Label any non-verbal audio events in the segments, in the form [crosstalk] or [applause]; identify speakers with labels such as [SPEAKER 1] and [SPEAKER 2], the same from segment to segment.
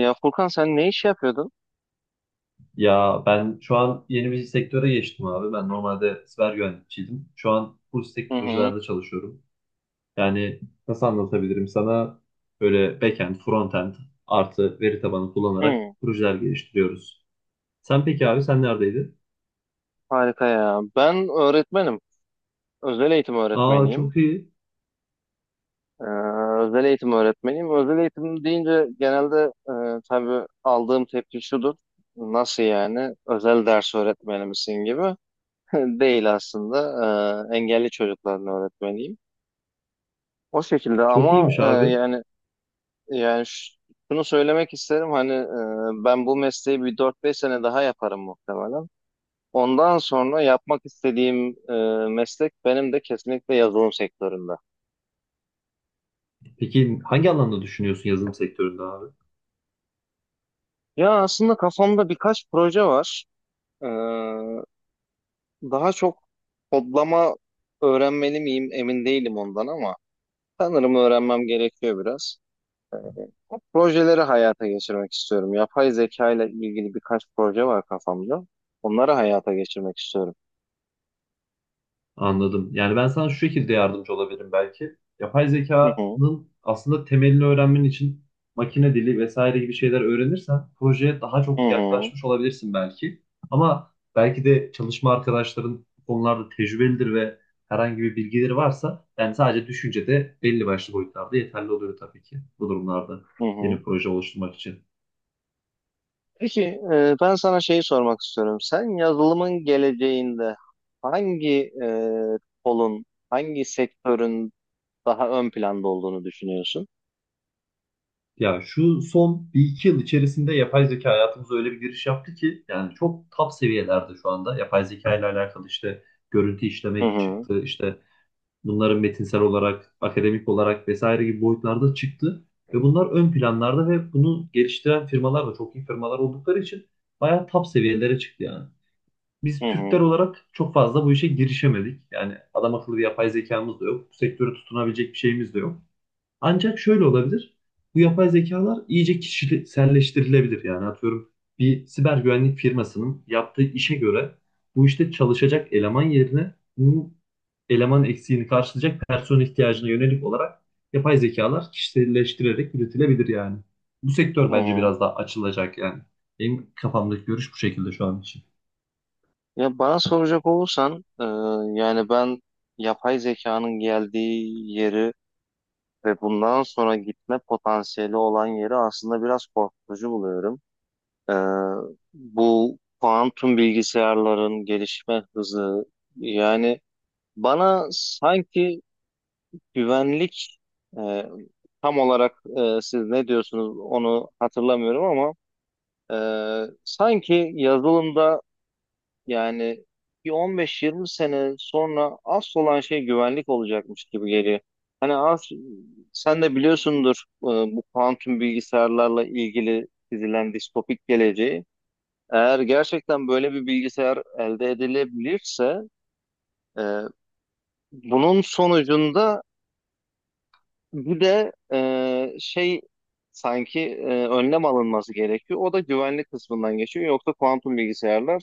[SPEAKER 1] Ya Furkan sen ne iş yapıyordun?
[SPEAKER 2] Ya ben şu an yeni bir sektöre geçtim abi. Ben normalde siber güvenlikçiydim. Şu an full
[SPEAKER 1] Hı
[SPEAKER 2] stack
[SPEAKER 1] hı.
[SPEAKER 2] projelerde çalışıyorum. Yani nasıl anlatabilirim sana? Böyle backend, frontend artı veri tabanı kullanarak
[SPEAKER 1] Hı,
[SPEAKER 2] projeler geliştiriyoruz. Sen peki abi sen neredeydin?
[SPEAKER 1] Harika ya. Ben öğretmenim. Özel eğitim
[SPEAKER 2] Aa
[SPEAKER 1] öğretmeniyim.
[SPEAKER 2] çok iyi.
[SPEAKER 1] Ee, Özel eğitim öğretmeniyim. Özel eğitim deyince genelde tabii aldığım tepki şudur. Nasıl yani? Özel ders öğretmeni misin gibi. [laughs] Değil aslında. Engelli çocukların öğretmeniyim. O şekilde
[SPEAKER 2] Çok
[SPEAKER 1] ama
[SPEAKER 2] iyiymiş abi.
[SPEAKER 1] yani şunu söylemek isterim hani ben bu mesleği bir dört beş sene daha yaparım muhtemelen. Ondan sonra yapmak istediğim meslek benim de kesinlikle yazılım sektöründe.
[SPEAKER 2] Peki hangi alanda düşünüyorsun yazılım sektöründe abi?
[SPEAKER 1] Ya aslında kafamda birkaç proje var. E, Daha çok kodlama öğrenmeli miyim emin değilim ondan ama sanırım öğrenmem gerekiyor biraz. O projeleri hayata geçirmek istiyorum. Yapay zeka ile ilgili birkaç proje var kafamda. Onları hayata geçirmek istiyorum.
[SPEAKER 2] Anladım. Yani ben sana şu şekilde yardımcı olabilirim belki. Yapay
[SPEAKER 1] Hı hı,
[SPEAKER 2] zekanın aslında temelini öğrenmen için makine dili vesaire gibi şeyler öğrenirsen projeye daha
[SPEAKER 1] hı
[SPEAKER 2] çok
[SPEAKER 1] hı,
[SPEAKER 2] yaklaşmış olabilirsin belki. Ama belki de çalışma arkadaşların bu konularda tecrübelidir ve herhangi bir bilgileri varsa yani sadece düşünce de belli başlı boyutlarda yeterli oluyor tabii ki bu durumlarda
[SPEAKER 1] hı
[SPEAKER 2] yeni
[SPEAKER 1] hı.
[SPEAKER 2] proje oluşturmak için.
[SPEAKER 1] Peki, ben sana şeyi sormak istiyorum. Sen yazılımın geleceğinde hangi e, kolun, hangi sektörün daha ön planda olduğunu düşünüyorsun?
[SPEAKER 2] Ya şu son bir iki yıl içerisinde yapay zeka hayatımıza öyle bir giriş yaptı ki yani çok top seviyelerde şu anda yapay zeka ile alakalı işte görüntü
[SPEAKER 1] Hı
[SPEAKER 2] işleme
[SPEAKER 1] hı,
[SPEAKER 2] çıktı, işte bunların metinsel olarak, akademik olarak vesaire gibi boyutlarda çıktı ve bunlar ön planlarda, ve bunu geliştiren firmalar da çok iyi firmalar oldukları için bayağı top seviyelere çıktı yani.
[SPEAKER 1] hı
[SPEAKER 2] Biz Türkler
[SPEAKER 1] hı,
[SPEAKER 2] olarak çok fazla bu işe girişemedik. Yani adam akıllı bir yapay zekamız da yok. Bu sektöre tutunabilecek bir şeyimiz de yok. Ancak şöyle olabilir. Bu yapay zekalar iyice kişiselleştirilebilir. Yani atıyorum bir siber güvenlik firmasının yaptığı işe göre bu işte çalışacak eleman yerine bu eleman eksiğini karşılayacak personel ihtiyacına yönelik olarak yapay zekalar kişiselleştirerek üretilebilir yani. Bu sektör
[SPEAKER 1] hı
[SPEAKER 2] bence
[SPEAKER 1] hı.
[SPEAKER 2] biraz daha açılacak yani. Benim kafamdaki görüş bu şekilde şu an için.
[SPEAKER 1] Ya bana soracak olursan, yani ben yapay zekanın geldiği yeri ve bundan sonra gitme potansiyeli olan yeri aslında biraz korkutucu buluyorum. E, Bu kuantum bilgisayarların gelişme hızı, yani. Bana sanki güvenlik e, tam olarak siz ne diyorsunuz onu hatırlamıyorum ama e, sanki yazılımda yani bir 15-20 sene sonra asıl olan şey güvenlik olacakmış gibi geliyor. Hani az sen de biliyorsundur bu kuantum bilgisayarlarla ilgili dizilen distopik geleceği. Eğer gerçekten böyle bir bilgisayar elde edilebilirse e, bunun sonucunda bir de şey sanki önlem alınması gerekiyor. O da güvenlik kısmından geçiyor. Yoksa kuantum bilgisayarlar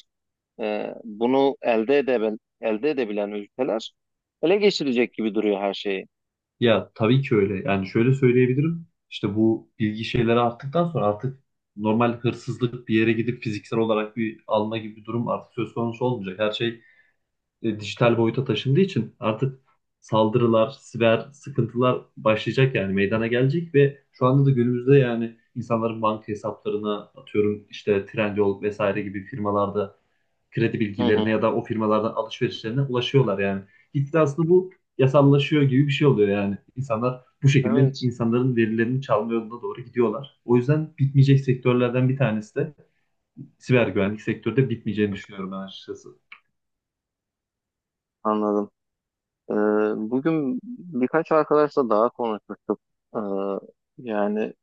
[SPEAKER 1] bunu elde edebilen ülkeler ele geçirecek gibi duruyor her şeyi.
[SPEAKER 2] Ya tabii ki öyle. Yani şöyle söyleyebilirim. İşte bu bilgi şeyleri arttıktan sonra artık normal hırsızlık, bir yere gidip fiziksel olarak bir alma gibi bir durum artık söz konusu olmayacak. Her şey dijital boyuta taşındığı için artık saldırılar, siber sıkıntılar başlayacak yani meydana gelecek, ve şu anda da günümüzde yani insanların banka hesaplarına atıyorum işte Trendyol vesaire gibi firmalarda kredi
[SPEAKER 1] Hı
[SPEAKER 2] bilgilerine ya
[SPEAKER 1] hı.
[SPEAKER 2] da o firmalardan alışverişlerine ulaşıyorlar yani. Gitgide aslında bu yasallaşıyor gibi bir şey oluyor yani. İnsanlar bu şekilde
[SPEAKER 1] Evet,
[SPEAKER 2] insanların verilerini çalma yoluna doğru gidiyorlar. O yüzden bitmeyecek sektörlerden bir tanesi de siber güvenlik sektörü de, bitmeyeceğini düşünüyorum ben açıkçası.
[SPEAKER 1] anladım. E, Bugün birkaç arkadaşla daha konuşmuştuk. E, Yani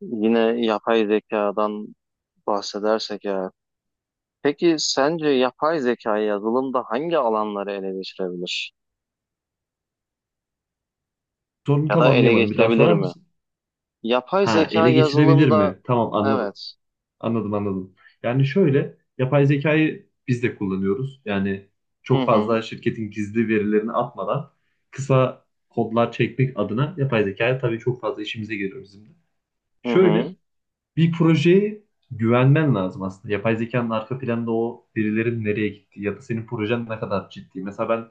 [SPEAKER 1] yine yapay zekadan bahsedersek ya. Peki sence yapay zekayı yazılımda hangi alanları ele geçirebilir?
[SPEAKER 2] Sorunu
[SPEAKER 1] Ya
[SPEAKER 2] tam
[SPEAKER 1] da ele
[SPEAKER 2] anlayamadım. Bir daha
[SPEAKER 1] geçirebilir
[SPEAKER 2] sorar
[SPEAKER 1] mi?
[SPEAKER 2] mısın?
[SPEAKER 1] Yapay
[SPEAKER 2] Ha,
[SPEAKER 1] zeka
[SPEAKER 2] ele geçirebilir
[SPEAKER 1] yazılımda
[SPEAKER 2] mi? Tamam, anladım.
[SPEAKER 1] evet.
[SPEAKER 2] Anladım. Yani şöyle, yapay zekayı biz de kullanıyoruz. Yani
[SPEAKER 1] Hı
[SPEAKER 2] çok
[SPEAKER 1] hı.
[SPEAKER 2] fazla şirketin gizli verilerini atmadan kısa kodlar çekmek adına yapay zekaya tabii çok fazla işimize geliyor bizim de.
[SPEAKER 1] Hı
[SPEAKER 2] Şöyle
[SPEAKER 1] hı.
[SPEAKER 2] bir projeye güvenmen lazım aslında. Yapay zekanın arka planda o verilerin nereye gittiği ya da senin projen ne kadar ciddi. Mesela ben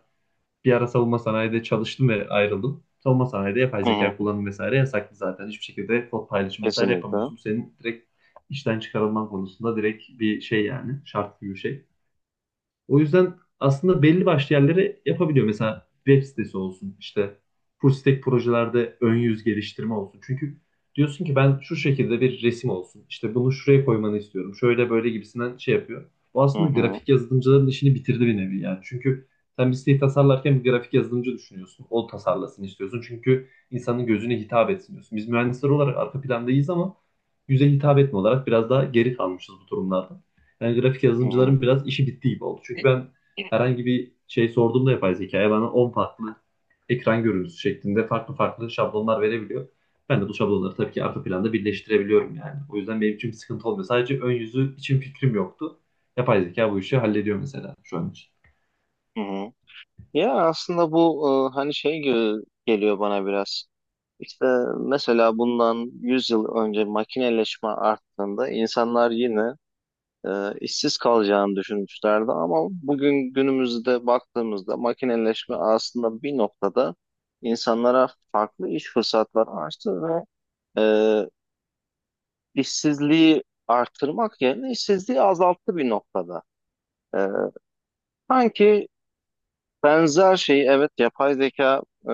[SPEAKER 2] bir ara savunma sanayide çalıştım ve ayrıldım. Savunma sanayide yapay
[SPEAKER 1] Hı
[SPEAKER 2] zeka
[SPEAKER 1] hı.
[SPEAKER 2] kullanım vesaire yasaklı zaten. Hiçbir şekilde kod paylaşım vesaire
[SPEAKER 1] Kesinlikle.
[SPEAKER 2] yapamıyorsun. Bu senin direkt işten çıkarılman konusunda direkt bir şey yani. Şart gibi bir şey. O yüzden aslında belli başlı yerlere yapabiliyor. Mesela web sitesi olsun, işte full stack projelerde ön yüz geliştirme olsun. Çünkü diyorsun ki ben şu şekilde bir resim olsun, işte bunu şuraya koymanı istiyorum, şöyle böyle gibisinden şey yapıyor. O
[SPEAKER 1] Hı
[SPEAKER 2] aslında
[SPEAKER 1] hı.
[SPEAKER 2] grafik yazılımcıların işini bitirdi bir nevi yani. Çünkü sen bir siteyi tasarlarken bir grafik yazılımcı düşünüyorsun. O tasarlasın istiyorsun. Çünkü insanın gözüne hitap etsin diyorsun. Biz mühendisler olarak arka plandayız ama yüze hitap etme olarak biraz daha geri kalmışız bu durumlarda. Yani grafik
[SPEAKER 1] Hı hı.
[SPEAKER 2] yazılımcıların biraz işi bitti gibi oldu. Çünkü ben herhangi bir şey sorduğumda yapay zekaya bana 10 farklı ekran görüntüsü şeklinde farklı farklı şablonlar verebiliyor. Ben de bu şablonları tabii ki arka planda birleştirebiliyorum yani. O yüzden benim için bir sıkıntı olmuyor. Sadece ön yüzü için fikrim yoktu. Yapay zeka bu işi hallediyor mesela şu an için.
[SPEAKER 1] Hı hı. Ya aslında bu hani şey gibi geliyor bana biraz. İşte mesela bundan 100 yıl önce makineleşme arttığında insanlar yine işsiz kalacağını düşünmüşlerdi ama bugün günümüzde baktığımızda makineleşme aslında bir noktada insanlara farklı iş fırsatları açtı ve e, işsizliği artırmak yerine işsizliği azalttı bir noktada. Ee, Sanki benzer şeyi, evet, yapay zeka e,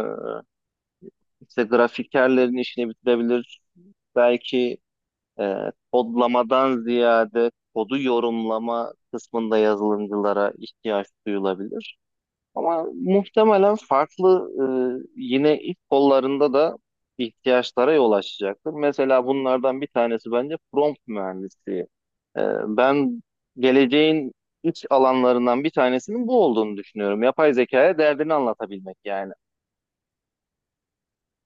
[SPEAKER 1] işte grafikerlerin işini bitirebilir. Belki e, kodlamadan ziyade kodu yorumlama kısmında yazılımcılara ihtiyaç duyulabilir. Ama muhtemelen farklı yine ilk kollarında da ihtiyaçlara yol açacaktır. Mesela bunlardan bir tanesi bence prompt mühendisliği. E, Ben geleceğin iç alanlarından bir tanesinin bu olduğunu düşünüyorum. Yapay zekaya derdini anlatabilmek yani.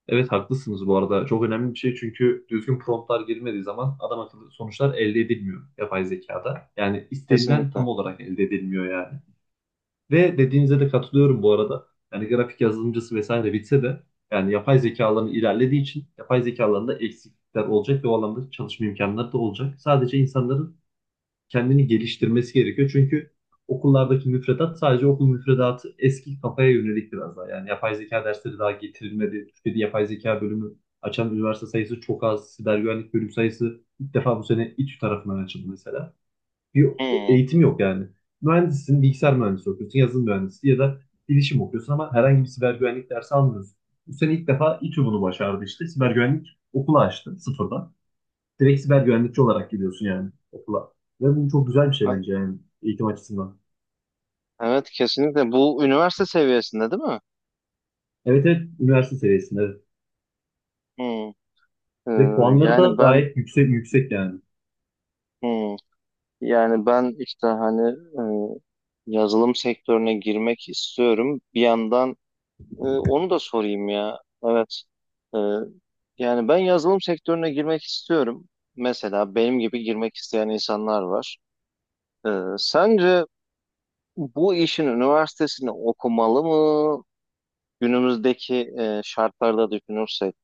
[SPEAKER 2] Evet, haklısınız bu arada. Çok önemli bir şey, çünkü düzgün promptlar girmediği zaman adam akıllı sonuçlar elde edilmiyor yapay zekada. Yani istenilen
[SPEAKER 1] Kesinlikle.
[SPEAKER 2] tam olarak elde edilmiyor yani. Ve dediğinize de katılıyorum bu arada. Yani grafik yazılımcısı vesaire bitse de yani yapay zekaların ilerlediği için yapay zekalarında eksiklikler olacak ve o alanda çalışma imkanları da olacak. Sadece insanların kendini geliştirmesi gerekiyor. Çünkü okullardaki müfredat, sadece okul müfredatı eski kafaya yönelik biraz daha. Yani yapay zeka dersleri daha getirilmedi. Türkiye'de yapay zeka bölümü açan üniversite sayısı çok az. Siber güvenlik bölüm sayısı ilk defa bu sene İTÜ tarafından açıldı mesela, bir
[SPEAKER 1] Hmm.
[SPEAKER 2] eğitim yok yani. Mühendissin, bilgisayar mühendisi okuyorsun, yazılım mühendisi ya da bilişim okuyorsun ama herhangi bir siber güvenlik dersi almıyorsun. Bu sene ilk defa İTÜ bunu başardı işte. Siber güvenlik okulu açtı sıfırdan. Direkt siber güvenlikçi olarak gidiyorsun yani okula. Ve bu çok güzel bir şey
[SPEAKER 1] Ha-
[SPEAKER 2] bence yani, eğitim açısından.
[SPEAKER 1] Evet, kesinlikle. Bu üniversite seviyesinde değil mi?
[SPEAKER 2] Evet, evet üniversite seviyesinde. Evet. Ve
[SPEAKER 1] Hmm.
[SPEAKER 2] puanları da
[SPEAKER 1] Yani ben
[SPEAKER 2] gayet yüksek yani.
[SPEAKER 1] hmm. Yani ben işte hani yazılım sektörüne girmek istiyorum. Bir yandan onu da sorayım ya. Evet. E, Yani ben yazılım sektörüne girmek istiyorum. Mesela benim gibi girmek isteyen insanlar var. E, Sence bu işin üniversitesini okumalı mı? Günümüzdeki şartlarda düşünürsek.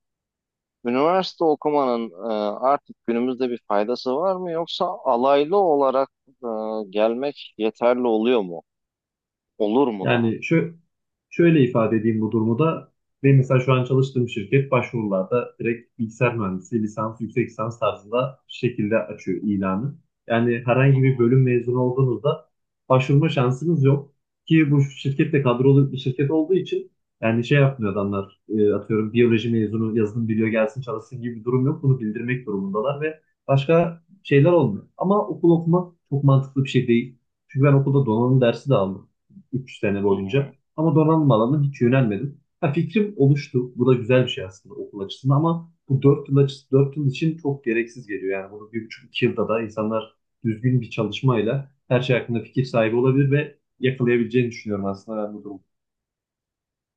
[SPEAKER 1] Üniversite okumanın artık günümüzde bir faydası var mı? Yoksa alaylı olarak gelmek yeterli oluyor mu? Olur mu daha?
[SPEAKER 2] Yani şöyle ifade edeyim bu durumu da. Benim mesela şu an çalıştığım şirket başvurularda direkt bilgisayar mühendisi, lisans, yüksek lisans tarzında şekilde açıyor ilanı. Yani
[SPEAKER 1] Hı
[SPEAKER 2] herhangi bir
[SPEAKER 1] hı,
[SPEAKER 2] bölüm mezunu olduğunuzda başvurma şansınız yok. Ki bu şirket de kadrolu bir şirket olduğu için yani şey yapmıyor adamlar. Atıyorum biyoloji mezunu yazılım biliyor gelsin çalışsın gibi bir durum yok. Bunu bildirmek durumundalar ve başka şeyler olmuyor. Ama okul okumak çok mantıklı bir şey değil. Çünkü ben okulda donanım dersi de aldım 3 sene
[SPEAKER 1] hı hı.
[SPEAKER 2] boyunca. Ama donanım alanına hiç yönelmedim. Ha, fikrim oluştu. Bu da güzel bir şey aslında okul açısından, ama bu 4 yıl açısı 4 yıl için çok gereksiz geliyor. Yani bunu bir buçuk 2 yılda da insanlar düzgün bir çalışmayla her şey hakkında fikir sahibi olabilir ve yakalayabileceğini düşünüyorum aslında ben bu durumu.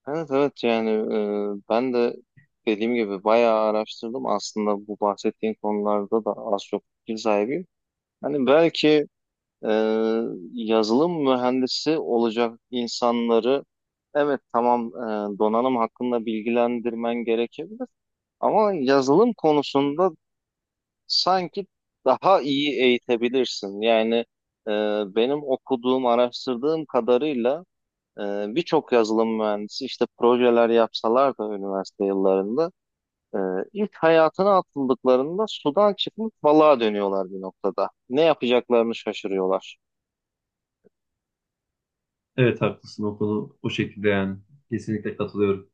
[SPEAKER 1] Evet, evet, yani ben de dediğim gibi bayağı araştırdım aslında bu bahsettiğin konularda da az çok fikir sahibiyim. Hani belki e, yazılım mühendisi olacak insanları, evet, tamam, donanım hakkında bilgilendirmen gerekebilir ama yazılım konusunda sanki daha iyi eğitebilirsin. Yani e, benim okuduğum, araştırdığım kadarıyla birçok yazılım mühendisi işte projeler yapsalar da üniversite yıllarında e, ilk hayatına atıldıklarında sudan çıkmış balığa dönüyorlar bir noktada. Ne yapacaklarını şaşırıyorlar.
[SPEAKER 2] Evet, haklısın o konu o şekilde yani. Kesinlikle katılıyorum.